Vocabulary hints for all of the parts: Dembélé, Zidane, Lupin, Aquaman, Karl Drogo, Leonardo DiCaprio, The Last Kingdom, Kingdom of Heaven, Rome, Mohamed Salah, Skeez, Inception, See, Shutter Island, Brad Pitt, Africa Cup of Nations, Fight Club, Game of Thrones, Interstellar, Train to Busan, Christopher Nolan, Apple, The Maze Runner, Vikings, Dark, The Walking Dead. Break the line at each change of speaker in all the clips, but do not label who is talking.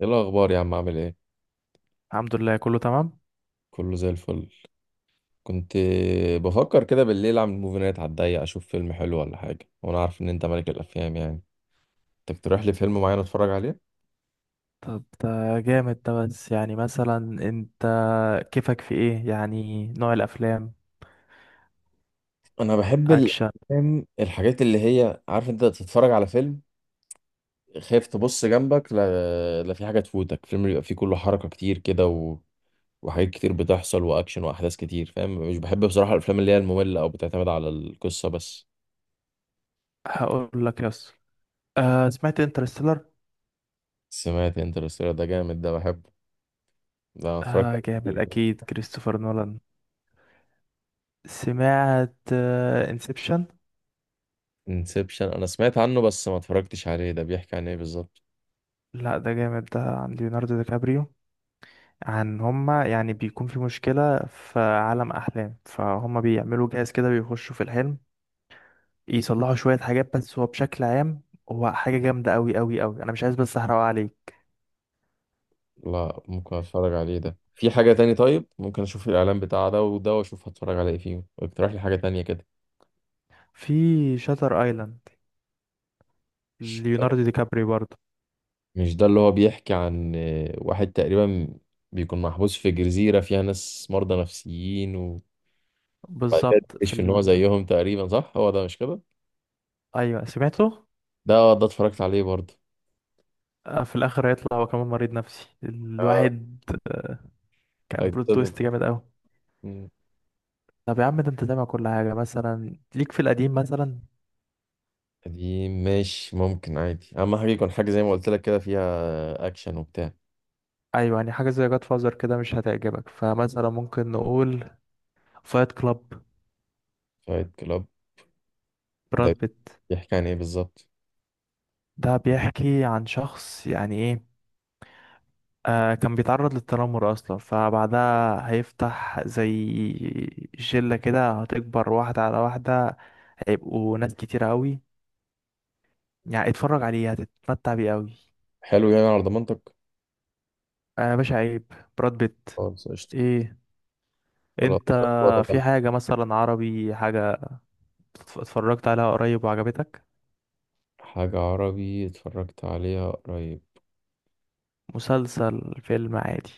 ايه الاخبار يا عم؟ عامل ايه؟
الحمد لله، كله تمام.
كله زي الفل. كنت بفكر كده بالليل اعمل موفي نايت على الضيق، اشوف فيلم حلو ولا حاجه، وانا عارف ان انت ملك الافلام يعني. تقترح لي فيلم معين اتفرج عليه؟
طب، ده جامد ده بس. يعني مثلا انت كيفك في ايه يعني نوع الافلام؟
انا بحب
اكشن.
الافلام الحاجات اللي هي عارف انت تتفرج على فيلم خايف تبص جنبك، لا، في حاجه تفوتك، فيلم بيبقى فيه كله حركه كتير كده وحاجات كتير بتحصل واكشن واحداث كتير، فاهم؟ مش بحب بصراحه الافلام اللي هي الممله او بتعتمد على القصه بس.
هقول لك يس. آه، سمعت انترستيلر.
سمعت انترستيلر؟ ده جامد، ده بحبه، ده أنا اتفرجت
آه
عليه
جامد،
كتير.
اكيد كريستوفر نولان. سمعت انسبشن.
انسبشن انا سمعت عنه بس ما اتفرجتش عليه، ده بيحكي عن ايه بالظبط؟
لا، ده جامد، ده عن ليوناردو دي كابريو. عن هما يعني بيكون في مشكلة في عالم أحلام، فهما بيعملوا جهاز كده بيخشوا في الحلم يصلحوا شوية حاجات، بس هو بشكل عام هو حاجة جامدة أوي أوي أوي. أنا مش عايز بس أحرقها عليك.
لا ممكن اتفرج عليه، ده في حاجة تاني؟ طيب ممكن اشوف الاعلان بتاع ده وده واشوف هتفرج على ايه فيهم، اقترح لي حاجة تانية كده.
في شاتر ايلاند،
مش
ليوناردو دي كابري برضه.
مش ده اللي هو بيحكي عن واحد تقريبا بيكون محبوس في جزيرة فيها ناس مرضى نفسيين، وبعد كده
بالظبط في
بيكتشف ان هو زيهم تقريبا، صح؟ هو ده مش كده؟
ايوه، سمعته.
ده ده اتفرجت عليه برضه.
في الاخر هيطلع هو كمان مريض نفسي
اه.
الواحد. كان بلوت
هيتصدم.
تويست جامد قوي.
مم.
طب يا عم، ده انت سامع كل حاجه مثلا؟ ليك في القديم مثلا؟
قديم ماشي، ممكن عادي، اهم حاجة يكون حاجة زي ما قلت لك كده فيها اكشن وبتاع.
ايوه، يعني حاجه زي جاد فازر كده مش هتعجبك، فمثلا ممكن نقول فايت كلاب.
فايت كلاب؟ ده
براد بيت.
بيحكي عن ايه بالظبط؟
ده بيحكي عن شخص، يعني ايه، آه، كان بيتعرض للتنمر اصلا، فبعدها هيفتح زي شلة كده هتكبر واحدة على واحدة، هيبقوا ناس كتيرة قوي. يعني اتفرج عليه هتتمتع بيه قوي.
حلو، يعني على ضمانتك؟
انا باشا، عيب. براد بيت.
خلاص قشطة.
ايه.
خلاص.
انت
ولا ده؟
في حاجة مثلا عربي، حاجة اتفرجت عليها قريب وعجبتك؟
حاجة عربي اتفرجت عليها قريب؟
مسلسل، فيلم، عادي.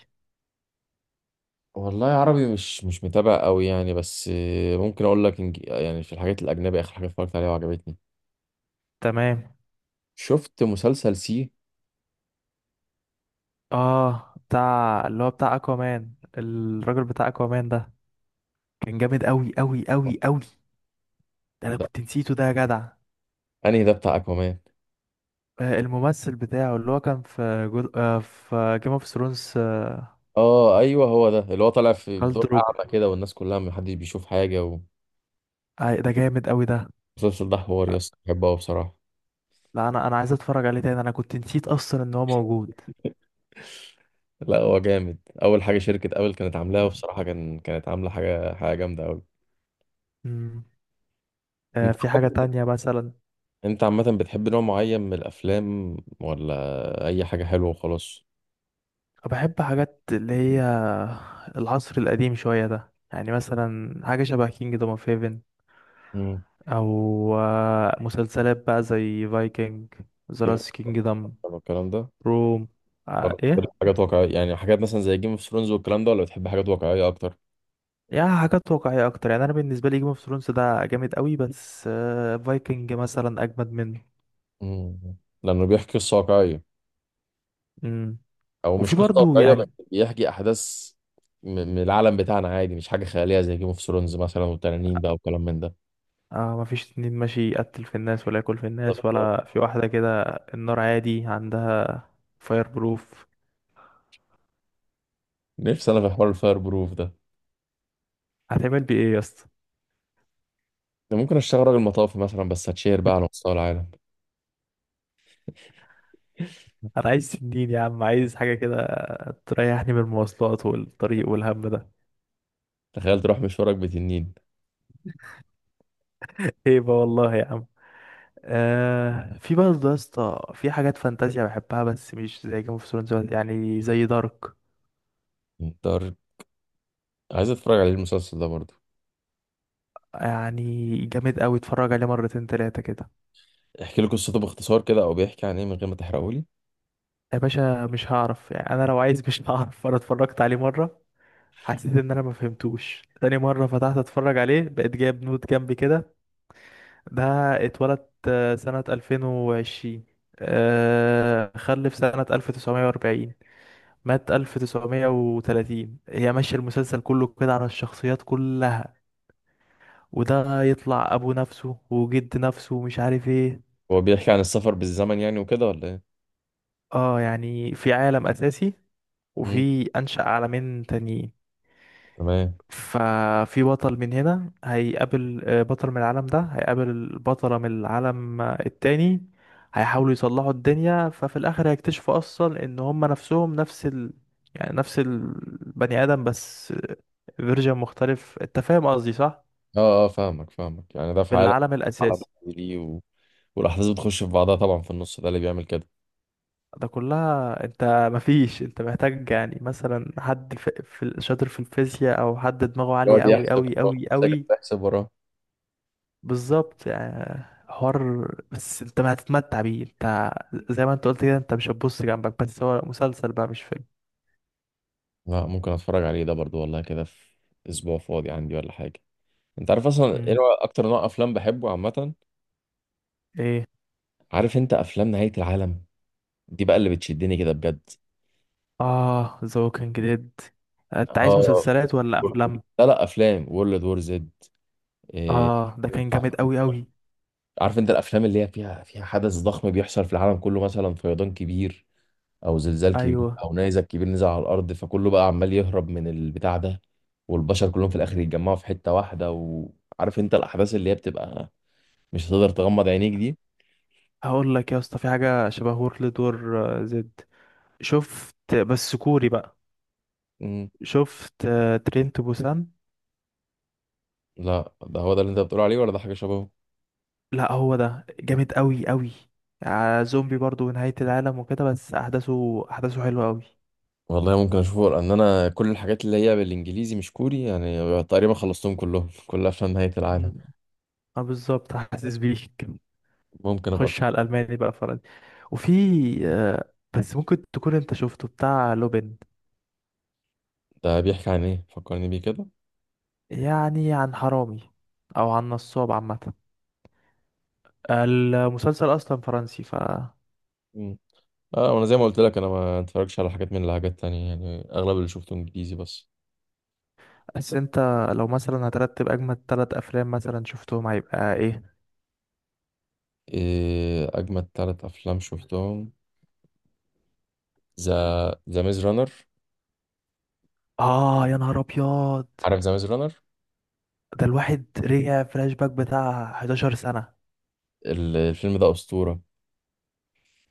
والله عربي مش متابع قوي يعني، بس ممكن اقول لك يعني في الحاجات الاجنبي اخر حاجة اتفرجت عليها وعجبتني،
تمام.
شفت مسلسل سي.
اه، بتاع اللي هو بتاع اكوامان، الراجل بتاع اكوامان ده كان جامد قوي قوي قوي قوي. ده انا
ده
كنت نسيته ده يا جدع.
انهي ده بتاع اكوامان؟
آه، الممثل بتاعه اللي هو كان في جود... آه، في جيم اوف ثرونز.
اه ايوه، هو ده اللي هو طالع في
كال
بدور
دروجو
اعمى كده والناس كلها محدش بيشوف حاجة.
آه، ده جامد قوي ده.
والمسلسل ده حوار يا اسطى، بحبه أوي بصراحة.
لا، انا عايز اتفرج عليه تاني، انا كنت نسيت اصلا ان هو موجود.
لا هو جامد، اول حاجه شركه ابل كانت عاملاها، وبصراحه كانت عامله حاجه جامده قوي.
مم.
انت
في حاجة تانية مثلا؟
انت عامه بتحب نوع معين من الافلام ولا اي حاجه حلوه وخلاص؟
بحب حاجات اللي هي العصر القديم شوية ده، يعني مثلا حاجة شبه كينج دوم اوف هيفن.
مم.
او مسلسلات بقى زي فايكنج، ذا
جيم
لاست كينجدم،
اوف الكلام ده
روم.
ولا بتحب
ايه.
حاجات واقعيه؟ يعني حاجات مثلا زي جيم اوف ثرونز والكلام ده، ولا بتحب حاجات واقعيه اكتر؟
يعني حاجات واقعية أكتر، يعني أنا بالنسبة لي جيم اوف ثرونز ده جامد قوي، بس فايكنج مثلا أجمد منه.
مم. لانه بيحكي قصه واقعيه،
امم.
او مش
وفي
قصه
برضو
واقعيه
يعني
بس، بيحكي احداث من العالم بتاعنا عادي، مش حاجه خياليه زي جيم اوف ثرونز مثلا والتنانين بقى وكلام من ده.
مفيش اتنين ماشي يقتل في الناس ولا ياكل في الناس
بالظبط.
ولا في واحدة كده النار عادي عندها. فاير بروف.
نفسي انا في حوار الفاير بروف ده،
هتعمل بيه ايه يا اسطى؟
ده ممكن اشتغل راجل مطافي مثلا، بس هتشهر بقى على مستوى العالم.
أنا عايز سنين يا عم، عايز حاجة كده تريحني من المواصلات والطريق والهم ده.
تخيل تروح مشوارك بتنين.
هيبة والله يا عم. في برضه يا اسطى في حاجات فانتازيا بحبها، بس مش زي جيم اوف ثرونز، يعني زي دارك.
انت عايز اتفرج عليه المسلسل ده برضه؟
يعني جامد قوي، اتفرج عليه مرتين تلاتة كده.
احكي لي قصته باختصار كده، او بيحكي عن ايه من غير ما تحرقولي.
يا باشا مش هعرف، يعني انا لو عايز مش هعرف. انا اتفرجت عليه مرة، حسيت ان انا ما فهمتوش. تاني مرة فتحت اتفرج عليه بقيت جايب نوت جنبي كده. ده اتولد سنة 2020، خلف سنة 1940، مات 1930. هي ماشية المسلسل كله كده على الشخصيات كلها، وده يطلع ابو نفسه وجد نفسه ومش عارف ايه.
هو بيحكي عن السفر بالزمن يعني وكده ولا ايه؟
اه، يعني في عالم اساسي،
مم.
وفي أنشأ عالمين تانيين.
تمام.
ففي بطل من هنا هيقابل بطل من العالم ده، هيقابل بطلة من العالم التاني، هيحاولوا يصلحوا الدنيا. ففي الآخر هيكتشفوا أصلا إن هما نفسهم نفس يعني نفس البني آدم، بس فيرجن مختلف. أنت فاهم قصدي صح؟
اه اه، فاهمك، يعني ده في
في
عالم،
العالم
عالم
الأساسي.
ليه والاحداث بتخش في بعضها طبعا، في النص ده اللي بيعمل كده.
ده كلها انت، مفيش، انت محتاج يعني مثلا حد في شاطر في الفيزياء، او حد دماغه
يقعد
عالية قوي
يحسب
قوي
وراه
قوي
ساكت،
قوي.
يحسب وراه.
بالظبط، يعني حوار بس انت ما هتتمتع بيه. انت زي ما انت قلت كده، انت مش هتبص جنبك، بس هو مسلسل بقى مش فيلم.
لا ممكن اتفرج عليه ده برضه، والله كده في اسبوع فاضي عندي ولا حاجه. انت عارف اصلا ايه
مم.
اكتر نوع افلام بحبه عامه؟
ايه.
عارف انت افلام نهاية العالم؟ دي بقى اللي بتشدني كده بجد.
اه، ذا ووكينج ديد. انت عايز
اه.
مسلسلات ولا افلام؟
لا، افلام وورلد وور زد. إيه.
اه، ده كان جامد قوي قوي.
عارف انت الافلام اللي هي فيها حدث ضخم بيحصل في العالم كله، مثلا فيضان كبير او زلزال كبير
ايوه.
او نيزك كبير نزل على الارض، فكله بقى عمال يهرب من البتاع ده، والبشر كلهم في الاخر يتجمعوا في حتة واحدة، وعارف انت الاحداث اللي هي بتبقى مش هتقدر تغمض عينيك دي.
هقول لك يا اسطى، في حاجه شبه وورلد وور، زد. شفت، بس كوري بقى.
مم.
شفت ترين تو بوسان.
لا ده هو ده اللي انت بتقول عليه، ولا ده حاجة شبهه؟
لا، هو ده جامد قوي قوي، زومبي برضو ونهاية العالم وكده، بس احداثه احداثه حلوه قوي.
والله ممكن اشوفه، لان انا كل الحاجات اللي هي بالانجليزي مش كوري يعني تقريبا خلصتهم كلهم كلها عشان نهاية العالم.
مم. اه، بالظبط حاسس بيك.
ممكن ابقى.
خش على الالماني بقى، فرنسي. وفي آه، بس ممكن تكون انت شفته بتاع لوبين.
ده بيحكي عن ايه؟ فكرني بيه كده.
يعني عن حرامي، او عن نصاب عامه. المسلسل اصلا فرنسي ف.
مم. اه، وانا زي ما قلت لك انا ما اتفرجش على حاجات من الحاجات تانية يعني، اغلب اللي شفته انجليزي بس.
بس انت، لو مثلا هترتب اجمد ثلاث افلام مثلا شفتهم، هيبقى ايه؟
إيه اجمد ثلاث افلام شفتهم؟ ذا، ذا ميز رانر.
اه، يا نهار ابيض،
عارف ذا ميز رانر؟
ده الواحد رجع فلاش باك بتاع 11 سنه.
الفيلم ده اسطورة.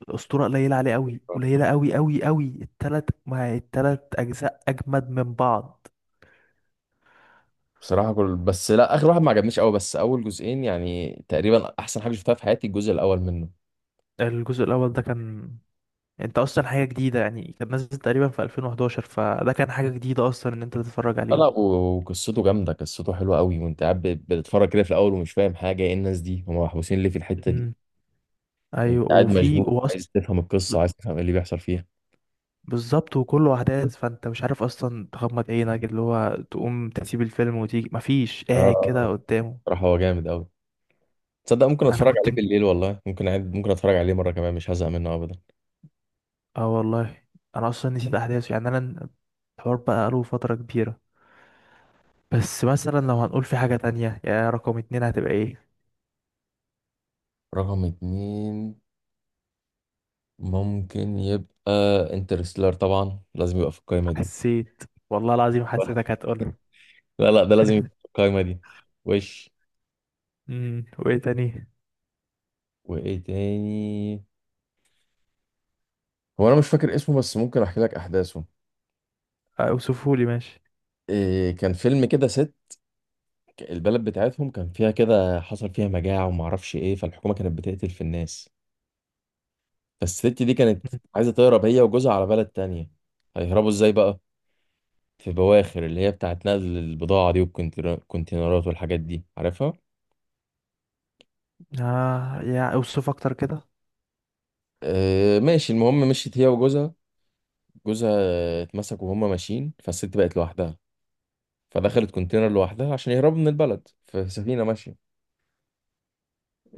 الاسطوره قليله عليه قوي، قليله قوي قوي قوي. الثلاث، ما الثلاث اجزاء اجمد من بعض.
بصراحة كل بس لا، آخر واحد ما عجبنيش قوي، بس أول جزئين يعني تقريبا أحسن حاجة شفتها في حياتي، الجزء الأول منه.
الجزء الاول ده كان انت اصلا حاجه جديده، يعني كان نازل تقريبا في 2011، فده كان حاجه جديده اصلا ان انت تتفرج
لا،
عليه.
وقصته جامده، قصته حلوه قوي، وانت قاعد بتتفرج كده في الاول ومش فاهم حاجه، ايه الناس دي هم محبوسين ليه في الحته دي.
امم.
انت
ايوه،
قاعد
وفي
مشدود
واصل.
عايز تفهم القصه، عايز تفهم ايه اللي بيحصل فيها.
بالظبط، وكله احداث، فانت مش عارف اصلا تغمض عينك، اللي هو تقوم تسيب الفيلم وتيجي، مفيش، قاعد كده
اه.
قدامه.
صراحه هو جامد قوي، تصدق ممكن
انا
اتفرج
كنت،
عليه بالليل والله، ممكن عاد ممكن اتفرج عليه مره كمان مش هزهق منه ابدا.
اه والله انا اصلا نسيت احداثه، يعني انا الحوار بقى له فتره كبيره. بس مثلا لو هنقول في حاجه تانية، يا رقم اتنين هتبقى ايه؟
رقم اتنين ممكن يبقى انترستيلر، طبعا لازم يبقى في القايمه دي.
حسيت، والله العظيم حسيتك هتقولها.
لا ده لازم يبقى في القايمه دي. وش
امم. وايه تاني؟
وايه تاني؟ هو انا مش فاكر اسمه بس ممكن احكي لك احداثه.
اوصفهولي ماشي.
إيه كان فيلم كده ست، البلد بتاعتهم كان فيها كده حصل فيها مجاعة وما اعرفش ايه، فالحكومة كانت بتقتل في الناس، فالست دي كانت
مم.
عايزة تهرب هي وجوزها على بلد تانية. هيهربوا ازاي بقى؟ في بواخر اللي هي بتاعت نقل البضاعة دي والكونتينرات والحاجات دي عارفها.
آه، يا اوصف اكتر كده.
إيه ماشي، المهم مشيت هي وجوزها، جوزها اتمسك وهما ماشيين، فالست بقت لوحدها، فدخلت كونتينر لوحدها عشان يهربوا من البلد في سفينة ماشية.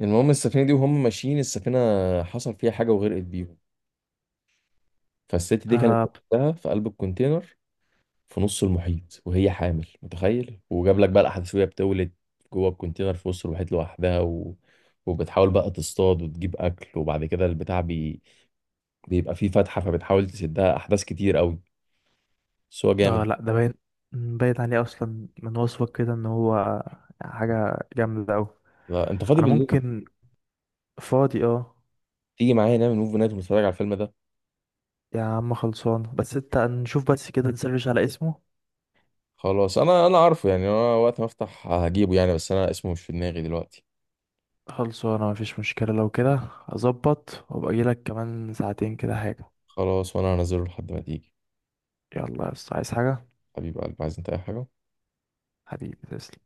المهم السفينة دي وهم ماشيين السفينة حصل فيها حاجة وغرقت بيهم، فالست دي كانت
آه،
لوحدها في قلب الكونتينر في نص المحيط وهي حامل، متخيل؟ وجاب لك بقى الاحداث وهي بتولد جوه الكونتينر في وسط المحيط لوحدها، وبتحاول بقى تصطاد وتجيب اكل، وبعد كده البتاع بيبقى فيه فتحه فبتحاول تسدها، احداث كتير قوي، بس هو
آه،
جامد.
لا ده باين، باين عليه اصلا من وصفك كده ان هو حاجة جامدة اوي.
لا، انت فاضي
انا
بالليل؟
ممكن، فاضي اه.
تيجي معايا نعمل موفي نايت ونتفرج على الفيلم ده.
يا عم خلصان، بس انت نشوف بس كده، نسرش على اسمه.
خلاص انا عارفه يعني، انا وقت ما افتح هجيبه يعني، بس انا اسمه مش في دماغي دلوقتي.
خلصانة، مفيش مشكلة. لو كده اظبط وابقى اجيلك كمان ساعتين كده حاجة.
خلاص وانا هنزله لحد ما تيجي.
يلا يا اسطى، عايز حاجة؟
حبيب قلبي، عايز انت اي حاجه؟
حبيبي تسلم.